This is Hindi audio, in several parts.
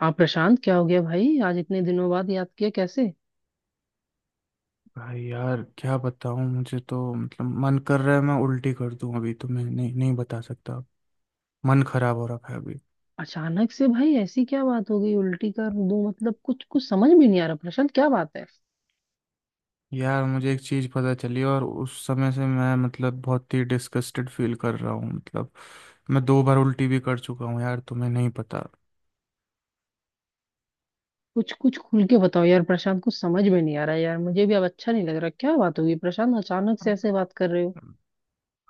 हाँ प्रशांत, क्या हो गया भाई? आज इतने दिनों बाद याद किया, कैसे? भाई यार, क्या बताऊं। मुझे तो मतलब मन कर रहा है मैं उल्टी कर दूं। अभी तो मैं नहीं नहीं बता सकता। मन खराब हो रखा है अभी। अचानक से भाई ऐसी क्या बात हो गई? उल्टी कर दूं, मतलब कुछ कुछ समझ में नहीं आ रहा। प्रशांत क्या बात है? यार, मुझे एक चीज पता चली, और उस समय से मैं मतलब बहुत ही डिस्गस्टेड फील कर रहा हूँ, मतलब। मैं 2 बार उल्टी भी कर चुका हूँ यार, तुम्हें नहीं पता। कुछ कुछ खुल के बताओ यार प्रशांत, कुछ समझ में नहीं आ रहा। यार मुझे भी अब अच्छा नहीं लग रहा। क्या बात होगी प्रशांत? अचानक से ऐसे बात कर रहे हो।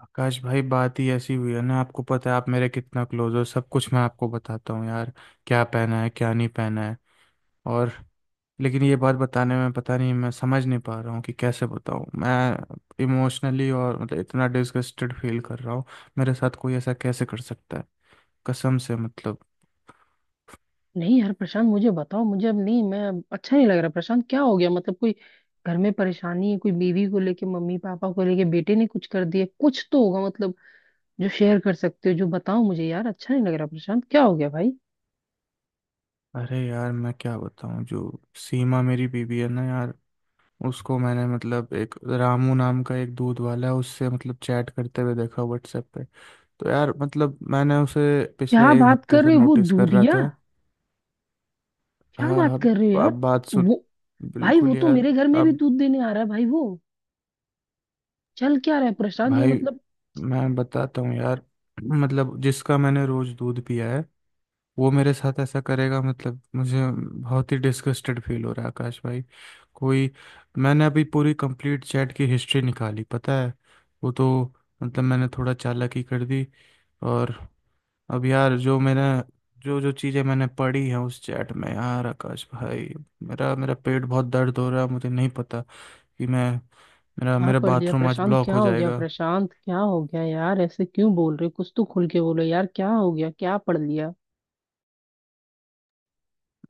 आकाश भाई, बात ही ऐसी हुई है ना। आपको पता है आप मेरे कितना क्लोज हो, सब कुछ मैं आपको बताता हूँ यार। क्या पहना है, क्या नहीं पहना है, और। लेकिन ये बात बताने में पता नहीं, मैं समझ नहीं पा रहा हूँ कि कैसे बताऊँ। मैं इमोशनली और मतलब इतना डिसगस्टेड फील कर रहा हूँ। मेरे साथ कोई ऐसा कैसे कर सकता है? कसम से, मतलब। नहीं यार प्रशांत, मुझे बताओ, मुझे अब नहीं, मैं अब अच्छा नहीं लग रहा। प्रशांत क्या हो गया? मतलब कोई घर में परेशानी है? कोई बीवी को लेके, मम्मी पापा को लेके, बेटे ने कुछ कर दिया, कुछ तो होगा मतलब। जो शेयर कर सकते हो, जो बताओ मुझे यार, अच्छा नहीं लग रहा। प्रशांत क्या हो गया भाई? अरे यार, मैं क्या बताऊँ। जो सीमा मेरी बीवी है ना यार, उसको मैंने मतलब एक, रामू नाम का एक दूध वाला है, उससे मतलब चैट करते हुए देखा व्हाट्सएप पे। तो यार मतलब, मैंने उसे पिछले क्या एक बात हफ्ते कर से रहे हो? वो नोटिस कर रहा दूधिया? था। क्या हाँ। बात अब कर रहे हो यार? अब बात सुन। वो, भाई वो बिल्कुल तो यार। मेरे घर में भी अब दूध देने आ रहा है भाई। वो चल क्या रहा है प्रशांत? ये भाई, मतलब। मैं बताता हूँ यार। मतलब, जिसका मैंने रोज दूध पिया है, वो मेरे साथ ऐसा करेगा? मतलब मुझे बहुत ही डिस्गस्टेड फील हो रहा है आकाश भाई। कोई। मैंने अभी पूरी कंप्लीट चैट की हिस्ट्री निकाली, पता है। वो तो मतलब, मैंने थोड़ा चालाकी कर दी। और अब यार, जो जो चीज़ें मैंने पढ़ी हैं उस चैट में यार आकाश भाई, मेरा मेरा पेट बहुत दर्द हो रहा है। मुझे नहीं पता कि मैं, मेरा क्या मेरा पढ़ लिया बाथरूम आज प्रशांत? ब्लॉक क्या हो हो गया जाएगा। प्रशांत? क्या हो गया यार, ऐसे क्यों बोल रहे हो? कुछ तो खुल के बोलो यार, क्या हो गया? क्या पढ़ लिया?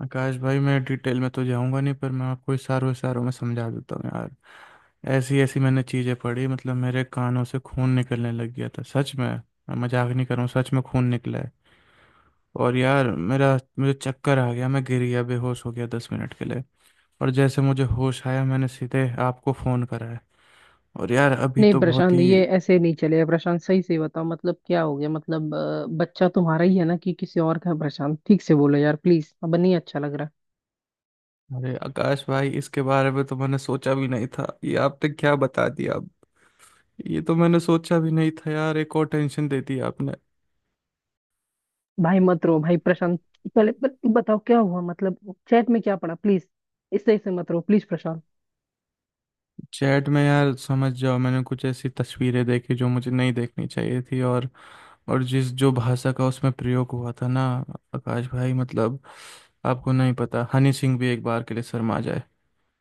आकाश भाई, मैं डिटेल में तो जाऊंगा नहीं, पर मैं आपको इशारों इशारों में समझा देता हूँ यार। ऐसी ऐसी मैंने चीज़ें पढ़ी, मतलब मेरे कानों से खून निकलने लग गया था। सच में, मैं मजाक नहीं कर रहा हूँ, सच में खून निकला है। और यार, मेरा मुझे चक्कर आ गया, मैं गिर गया, बेहोश हो गया 10 मिनट के लिए। और जैसे मुझे होश आया, मैंने सीधे आपको फ़ोन करा है। और यार अभी नहीं तो बहुत प्रशांत ही। ये ऐसे नहीं चलेगा। प्रशांत सही से बताओ मतलब क्या हो गया। मतलब बच्चा तुम्हारा ही है ना कि किसी और का है? प्रशांत ठीक से बोलो यार प्लीज, अब नहीं अच्छा लग रहा। अरे आकाश भाई, इसके बारे में तो मैंने सोचा भी नहीं था। ये आपने क्या बता दिया अब। ये तो मैंने सोचा भी नहीं था यार, एक और टेंशन दे दी आपने। भाई मत रो भाई प्रशांत। पहले बताओ क्या हुआ, मतलब चैट में क्या पड़ा प्लीज। इससे इससे मत रो प्लीज प्रशांत। चैट में यार, समझ जाओ, मैंने कुछ ऐसी तस्वीरें देखी जो मुझे नहीं देखनी चाहिए थी। और जिस जो भाषा का उसमें प्रयोग हुआ था ना, आकाश भाई मतलब, आपको नहीं पता, हनी सिंह भी एक बार के लिए शर्मा जाए।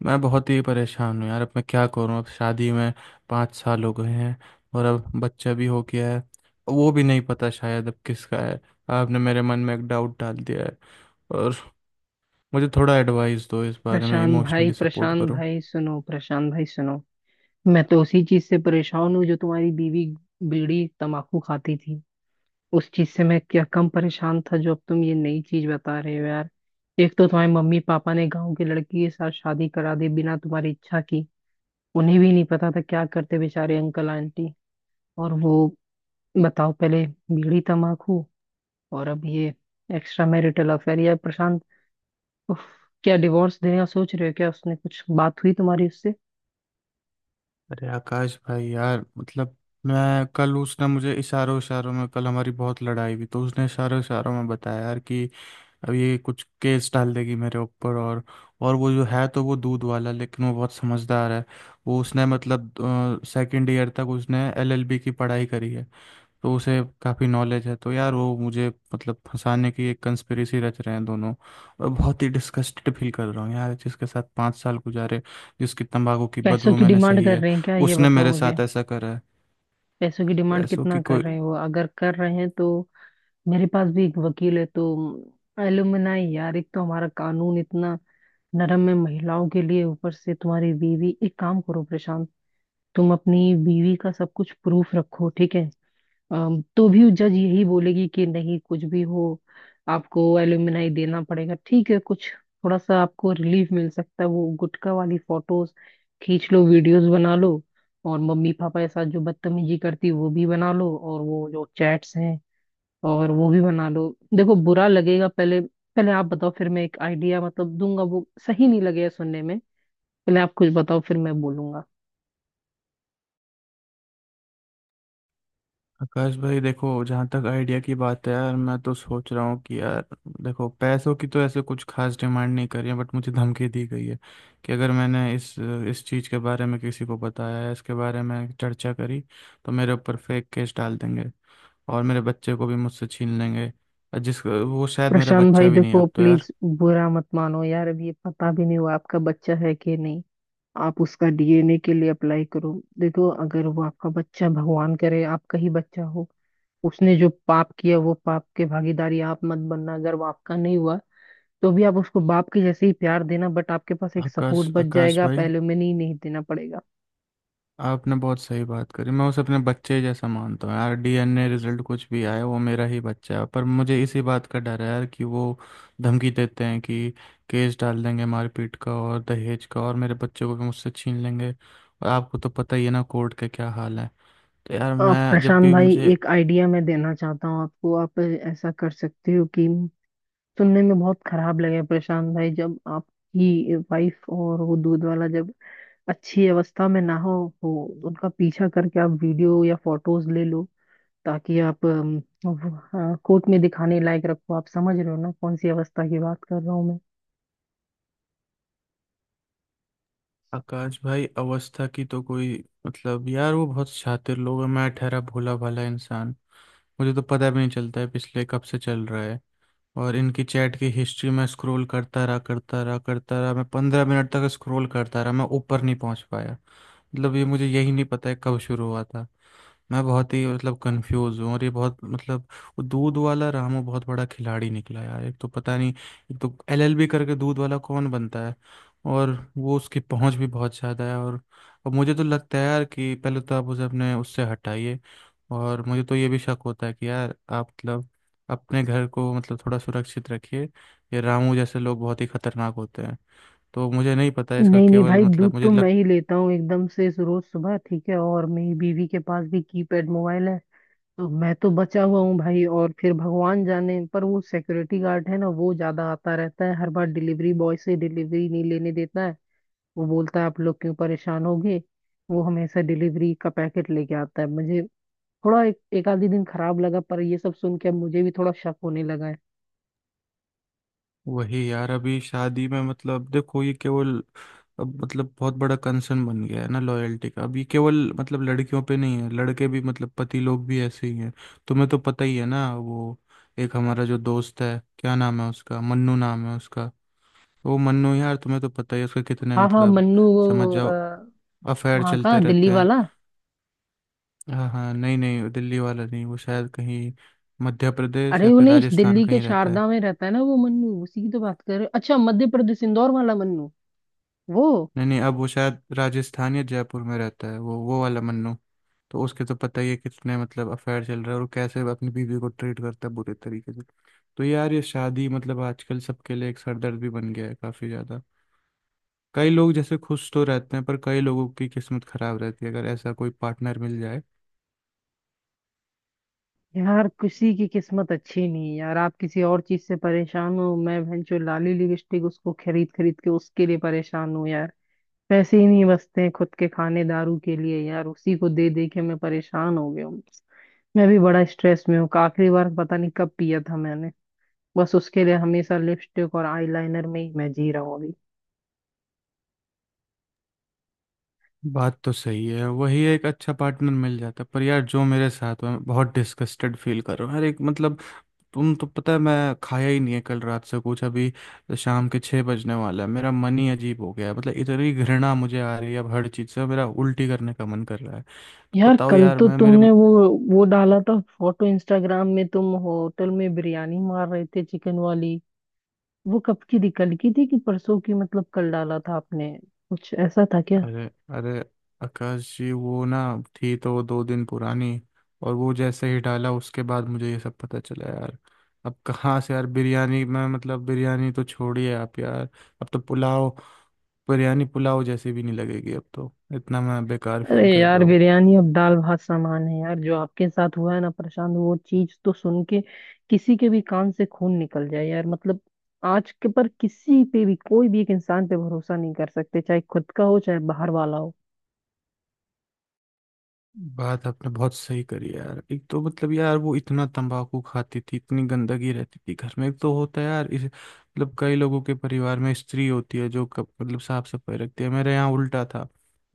मैं बहुत ही परेशान हूँ यार। अब मैं क्या करूँ। अब शादी में 5 साल हो गए हैं, और अब बच्चा भी हो गया है। वो भी नहीं पता शायद अब किसका है। आपने मेरे मन में एक डाउट डाल दिया है। और मुझे थोड़ा एडवाइस दो इस बारे में, प्रशांत भाई, इमोशनली सपोर्ट प्रशांत करो। भाई सुनो, प्रशांत भाई सुनो। मैं तो उसी चीज से परेशान हूँ जो तुम्हारी बीवी बीड़ी तंबाकू खाती थी। उस चीज से मैं क्या कम परेशान था जो अब तुम ये नई चीज बता रहे हो यार। एक तो तुम्हारे मम्मी पापा ने गांव की लड़की के साथ शादी करा दी बिना तुम्हारी इच्छा की। उन्हें भी नहीं पता था क्या करते बेचारे अंकल आंटी। और वो, बताओ पहले, बीड़ी तंबाकू और अब ये एक्स्ट्रा मैरिटल अफेयर, या प्रशांत! उफ, क्या डिवोर्स देने का सोच रहे हो? क्या उसने कुछ बात हुई तुम्हारी उससे? अरे आकाश भाई यार, मतलब, मैं कल उसने मुझे इशारों इशारों में, कल हमारी बहुत लड़ाई हुई तो उसने इशारों इशारों में बताया यार कि अब ये कुछ केस डाल देगी मेरे ऊपर। और वो जो है, तो वो दूध वाला, लेकिन वो बहुत समझदार है। वो उसने मतलब सेकंड ईयर तक उसने एलएलबी की पढ़ाई करी है। तो उसे काफ़ी नॉलेज है। तो यार, वो मुझे मतलब फंसाने की एक कंस्पिरेसी रच रहे हैं दोनों। और बहुत ही डिस्गस्टेड फील कर रहा हूँ यार, जिसके साथ 5 साल गुजारे, जिसकी तंबाकू की पैसों बदबू की मैंने डिमांड सही कर है, रहे हैं क्या? ये उसने बताओ मेरे मुझे। साथ ऐसा करा है। पैसों की डिमांड पैसों की कितना कर कोई। रहे हैं? वो अगर कर रहे हैं तो मेरे पास भी एक वकील है, तो एलुमनाई यार। एक तो हमारा कानून इतना नरम है महिलाओं के लिए, ऊपर से तुम्हारी बीवी। एक काम करो प्रशांत, तुम अपनी बीवी का सब कुछ प्रूफ रखो ठीक है। तो भी जज यही बोलेगी कि नहीं, कुछ भी हो आपको एल्यूमिनाई देना पड़ेगा, ठीक है। कुछ थोड़ा सा आपको रिलीफ मिल सकता है। वो गुटखा वाली फोटोज खींच लो, वीडियोस बना लो, और मम्मी पापा के साथ जो बदतमीजी करती है, वो भी बना लो, और वो जो चैट्स हैं और वो भी बना लो। देखो बुरा लगेगा, पहले पहले आप बताओ फिर मैं एक आइडिया मतलब दूंगा, वो सही नहीं लगेगा सुनने में। पहले आप कुछ बताओ फिर मैं बोलूंगा। आकाश भाई देखो, जहाँ तक आइडिया की बात है यार, मैं तो सोच रहा हूँ कि यार देखो, पैसों की तो ऐसे कुछ खास डिमांड नहीं करी है, बट मुझे धमकी दी गई है कि अगर मैंने इस चीज़ के बारे में किसी को बताया है, इसके बारे में चर्चा करी, तो मेरे ऊपर फेक केस डाल देंगे, और मेरे बच्चे को भी मुझसे छीन लेंगे। और जिस वो शायद मेरा प्रशांत बच्चा भाई भी नहीं है देखो, अब तो यार। प्लीज बुरा मत मानो यार, अब ये पता भी नहीं हुआ आपका बच्चा है कि नहीं। आप उसका डीएनए के लिए अप्लाई करो। देखो अगर वो आपका बच्चा, भगवान करे आपका ही बच्चा हो। उसने जो पाप किया वो पाप के भागीदारी आप मत बनना। अगर वो आपका नहीं हुआ तो भी आप उसको बाप के जैसे ही प्यार देना, बट आपके पास एक आकाश सपोर्ट बच आकाश जाएगा, आप भाई, एलुमनी नहीं देना पड़ेगा। आपने बहुत सही बात करी। मैं उसे अपने बच्चे जैसा मानता हूँ यार, डीएनए रिजल्ट कुछ भी आए, वो मेरा ही बच्चा है। पर मुझे इसी बात का डर है यार कि वो धमकी देते हैं कि केस डाल देंगे मारपीट का और दहेज का, और मेरे बच्चे को भी मुझसे छीन लेंगे। और आपको तो पता ही है ना कोर्ट का क्या हाल है। तो यार आप मैं जब प्रशांत भी भाई, मुझे। एक आइडिया मैं देना चाहता हूँ आपको, आप ऐसा कर सकते हो कि, सुनने में बहुत खराब लगे प्रशांत भाई, जब आपकी वाइफ और वो दूध वाला जब अच्छी अवस्था में ना हो, उनका पीछा करके आप वीडियो या फोटोज ले लो, ताकि आप कोर्ट में दिखाने लायक रखो। आप समझ रहे हो ना कौन सी अवस्था की बात कर रहा हूँ मैं। आकाश भाई, अवस्था की तो कोई, मतलब यार, वो बहुत शातिर लोग है, मैं ठहरा भोला भाला इंसान। मुझे तो पता भी नहीं चलता है, पिछले कब से चल रहा है। और इनकी चैट की हिस्ट्री मैं स्क्रॉल करता रहा करता रहा करता रहा, मैं 15 मिनट तक स्क्रॉल करता रहा, मैं ऊपर नहीं पहुंच पाया। मतलब ये, मुझे यही नहीं पता है कब शुरू हुआ था। मैं बहुत ही मतलब कंफ्यूज हूँ। और ये बहुत मतलब, वो दूध वाला रामू बहुत बड़ा खिलाड़ी निकला यार। एक तो पता नहीं, एक तो एलएलबी करके दूध वाला कौन बनता है। और वो, उसकी पहुंच भी बहुत ज़्यादा है। और अब मुझे तो लगता है यार कि पहले तो आप उसे अपने, उससे हटाइए। और मुझे तो ये भी शक होता है कि यार आप मतलब अपने घर को मतलब थोड़ा सुरक्षित रखिए। ये रामू जैसे लोग बहुत ही खतरनाक होते हैं। तो मुझे नहीं पता इसका, नहीं नहीं केवल भाई, दूध मतलब मुझे तो मैं लगता। ही लेता हूँ एकदम से रोज सुबह ठीक है, और मेरी बीवी के पास भी कीपैड मोबाइल है। तो मैं तो बचा हुआ हूँ भाई। और फिर भगवान जाने, पर वो सिक्योरिटी गार्ड है ना, वो ज्यादा आता रहता है, हर बार डिलीवरी बॉय से डिलीवरी नहीं लेने देता है। वो बोलता है आप लोग क्यों परेशान होगे। वो हमेशा डिलीवरी का पैकेट लेके आता है मुझे। थोड़ा एक आधी दिन खराब लगा, पर ये सब सुन के अब मुझे भी थोड़ा शक होने लगा है। वही यार, अभी शादी में मतलब देखो, ये केवल अब मतलब बहुत बड़ा कंसर्न बन गया है ना लॉयल्टी का। अब ये केवल मतलब लड़कियों पे नहीं है, लड़के भी मतलब, पति लोग भी ऐसे ही हैं। तुम्हें तो पता ही है ना, वो एक हमारा जो दोस्त है, क्या नाम है उसका, मन्नू नाम है उसका। वो मन्नू यार, तुम्हें तो पता ही है उसके कितने हाँ हाँ मतलब, मन्नू, वो समझ जाओ, अफेयर वहाँ का चलते दिल्ली रहते हैं। वाला। हाँ हाँ, नहीं नहीं, वो दिल्ली वाला नहीं, वो शायद कहीं मध्य प्रदेश या अरे वो फिर नहीं, राजस्थान दिल्ली के कहीं रहता है। शारदा में रहता है ना वो मन्नू, उसी की तो बात कर रहे हो। अच्छा मध्य प्रदेश इंदौर वाला मन्नू, वो, नहीं नहीं, अब वो शायद राजस्थान या जयपुर में रहता है, वो वाला मन्नू। तो उसके तो पता ही है कितने मतलब अफेयर चल रहा है, और वो कैसे अपनी बीवी को ट्रीट करता है बुरे तरीके से। तो यार, ये शादी मतलब आजकल सबके लिए एक सरदर्द भी बन गया है काफी ज्यादा। कई लोग जैसे खुश तो रहते हैं, पर कई लोगों की किस्मत खराब रहती है अगर ऐसा कोई पार्टनर मिल जाए। यार किसी की किस्मत अच्छी नहीं है यार। आप किसी और चीज से परेशान हो, मैं भैंचो लाली लिपस्टिक उसको खरीद खरीद के उसके लिए परेशान हूँ यार। पैसे ही नहीं बचते हैं खुद के खाने दारू के लिए, यार उसी को दे दे के मैं परेशान हो गया हूँ। मैं भी बड़ा स्ट्रेस में हूँ, आखिरी बार पता नहीं कब पिया था मैंने। बस उसके लिए हमेशा लिपस्टिक और आईलाइनर में ही मैं जी रहा हूँ अभी। बात तो सही है, वही, एक अच्छा पार्टनर मिल जाता। पर यार, जो मेरे साथ हुआ, मैं बहुत डिस्कस्टेड फील कर रहा हूँ यार, एक मतलब, तुम तो पता है, मैं खाया ही नहीं है कल रात से कुछ, अभी तो शाम के 6 बजने वाला है। मेरा मन ही अजीब हो गया है, मतलब इतनी घृणा मुझे आ रही है अब हर चीज़ से। मेरा उल्टी करने का मन कर रहा है। तो यार बताओ कल यार तो मैं मेरे। तुमने वो डाला था फोटो इंस्टाग्राम में, तुम होटल में बिरयानी मार रहे थे चिकन वाली। वो कब की थी, कल की थी कि परसों की? मतलब कल डाला था आपने? कुछ ऐसा था क्या? अरे अरे आकाश जी, वो ना, थी तो 2 दिन पुरानी, और वो जैसे ही डाला उसके बाद मुझे ये सब पता चला यार। अब कहाँ से यार बिरयानी में, मतलब बिरयानी तो छोड़िए आप यार। अब तो पुलाव, बिरयानी पुलाव जैसी भी नहीं लगेगी अब तो, इतना मैं बेकार फील अरे कर रहा यार हूँ। बिरयानी अब दाल भात सामान है यार, जो आपके साथ हुआ है ना प्रशांत वो चीज तो सुन के किसी के भी कान से खून निकल जाए यार, मतलब। आज के पर किसी पे भी कोई भी एक इंसान पे भरोसा नहीं कर सकते, चाहे खुद का हो चाहे बाहर वाला हो। बात आपने बहुत सही करी यार, एक तो मतलब यार, वो इतना तंबाकू खाती थी, इतनी गंदगी रहती थी घर में। एक तो होता है यार इस मतलब, कई लोगों के परिवार में स्त्री होती है जो कप, मतलब साफ सफाई रखती है। मेरे यहाँ उल्टा था,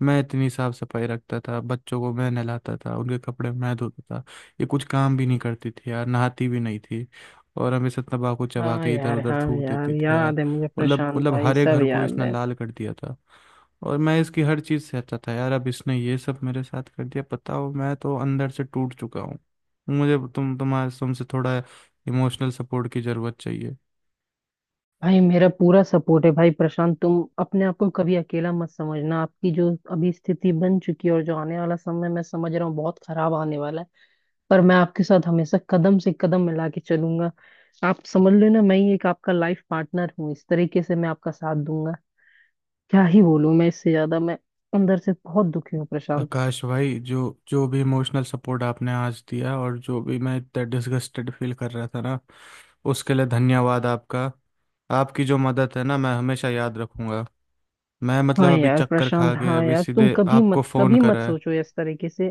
मैं इतनी साफ सफाई रखता था, बच्चों को मैं नहलाता था, उनके कपड़े मैं धोता था। ये कुछ काम भी नहीं करती थी यार, नहाती भी नहीं थी, और हमेशा तंबाकू चबा हाँ के इधर यार उधर हाँ थूक यार, देती थी यार। याद है मुझे मतलब प्रशांत मतलब भाई, हरे सब घर को याद इसने है। लाल कर दिया था। और मैं इसकी हर चीज़ से अच्छा था यार। अब इसने ये सब मेरे साथ कर दिया, पता हो, मैं तो अंदर से टूट चुका हूँ। मुझे तुमसे थोड़ा इमोशनल सपोर्ट की ज़रूरत चाहिए। भाई मेरा पूरा सपोर्ट है भाई प्रशांत, तुम अपने आप को कभी अकेला मत समझना। आपकी जो अभी स्थिति बन चुकी है और जो आने वाला समय मैं समझ रहा हूँ बहुत खराब आने वाला है, पर मैं आपके साथ हमेशा कदम से कदम मिला के चलूंगा। आप समझ लो ना मैं ही एक आपका लाइफ पार्टनर हूँ, इस तरीके से मैं आपका साथ दूंगा। क्या ही बोलूं मैं इससे ज्यादा, मैं अंदर से बहुत दुखी हूँ प्रशांत। आकाश भाई, जो जो भी इमोशनल सपोर्ट आपने आज दिया, और जो भी, मैं इतना डिसगस्टेड फील कर रहा था ना, उसके लिए धन्यवाद आपका। आपकी जो मदद है ना, मैं हमेशा याद रखूंगा। मैं मतलब हाँ अभी यार चक्कर खा प्रशांत के हाँ अभी यार, तुम सीधे कभी आपको मत, फ़ोन कभी मत करा है। सोचो इस तरीके से।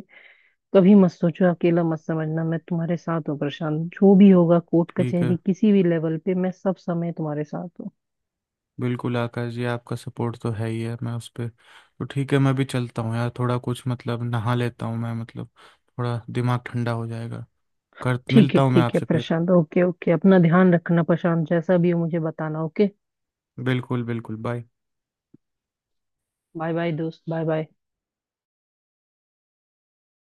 कभी मत सोचो, अकेला मत समझना, मैं तुम्हारे साथ हूँ प्रशांत। जो भी होगा कोर्ट ठीक कचहरी है, किसी भी लेवल पे मैं सब समय तुम्हारे साथ हूँ। बिल्कुल आकाश जी, आपका सपोर्ट तो है ही है, मैं उस पर तो ठीक है। मैं भी चलता हूँ यार, थोड़ा कुछ मतलब नहा लेता हूँ मैं, मतलब थोड़ा दिमाग ठंडा हो जाएगा। कर मिलता हूँ मैं ठीक है आपसे फिर। प्रशांत, ओके ओके, अपना ध्यान रखना प्रशांत, जैसा भी हो मुझे बताना, ओके। बिल्कुल बिल्कुल। बाय। बाय बाय दोस्त, बाय बाय।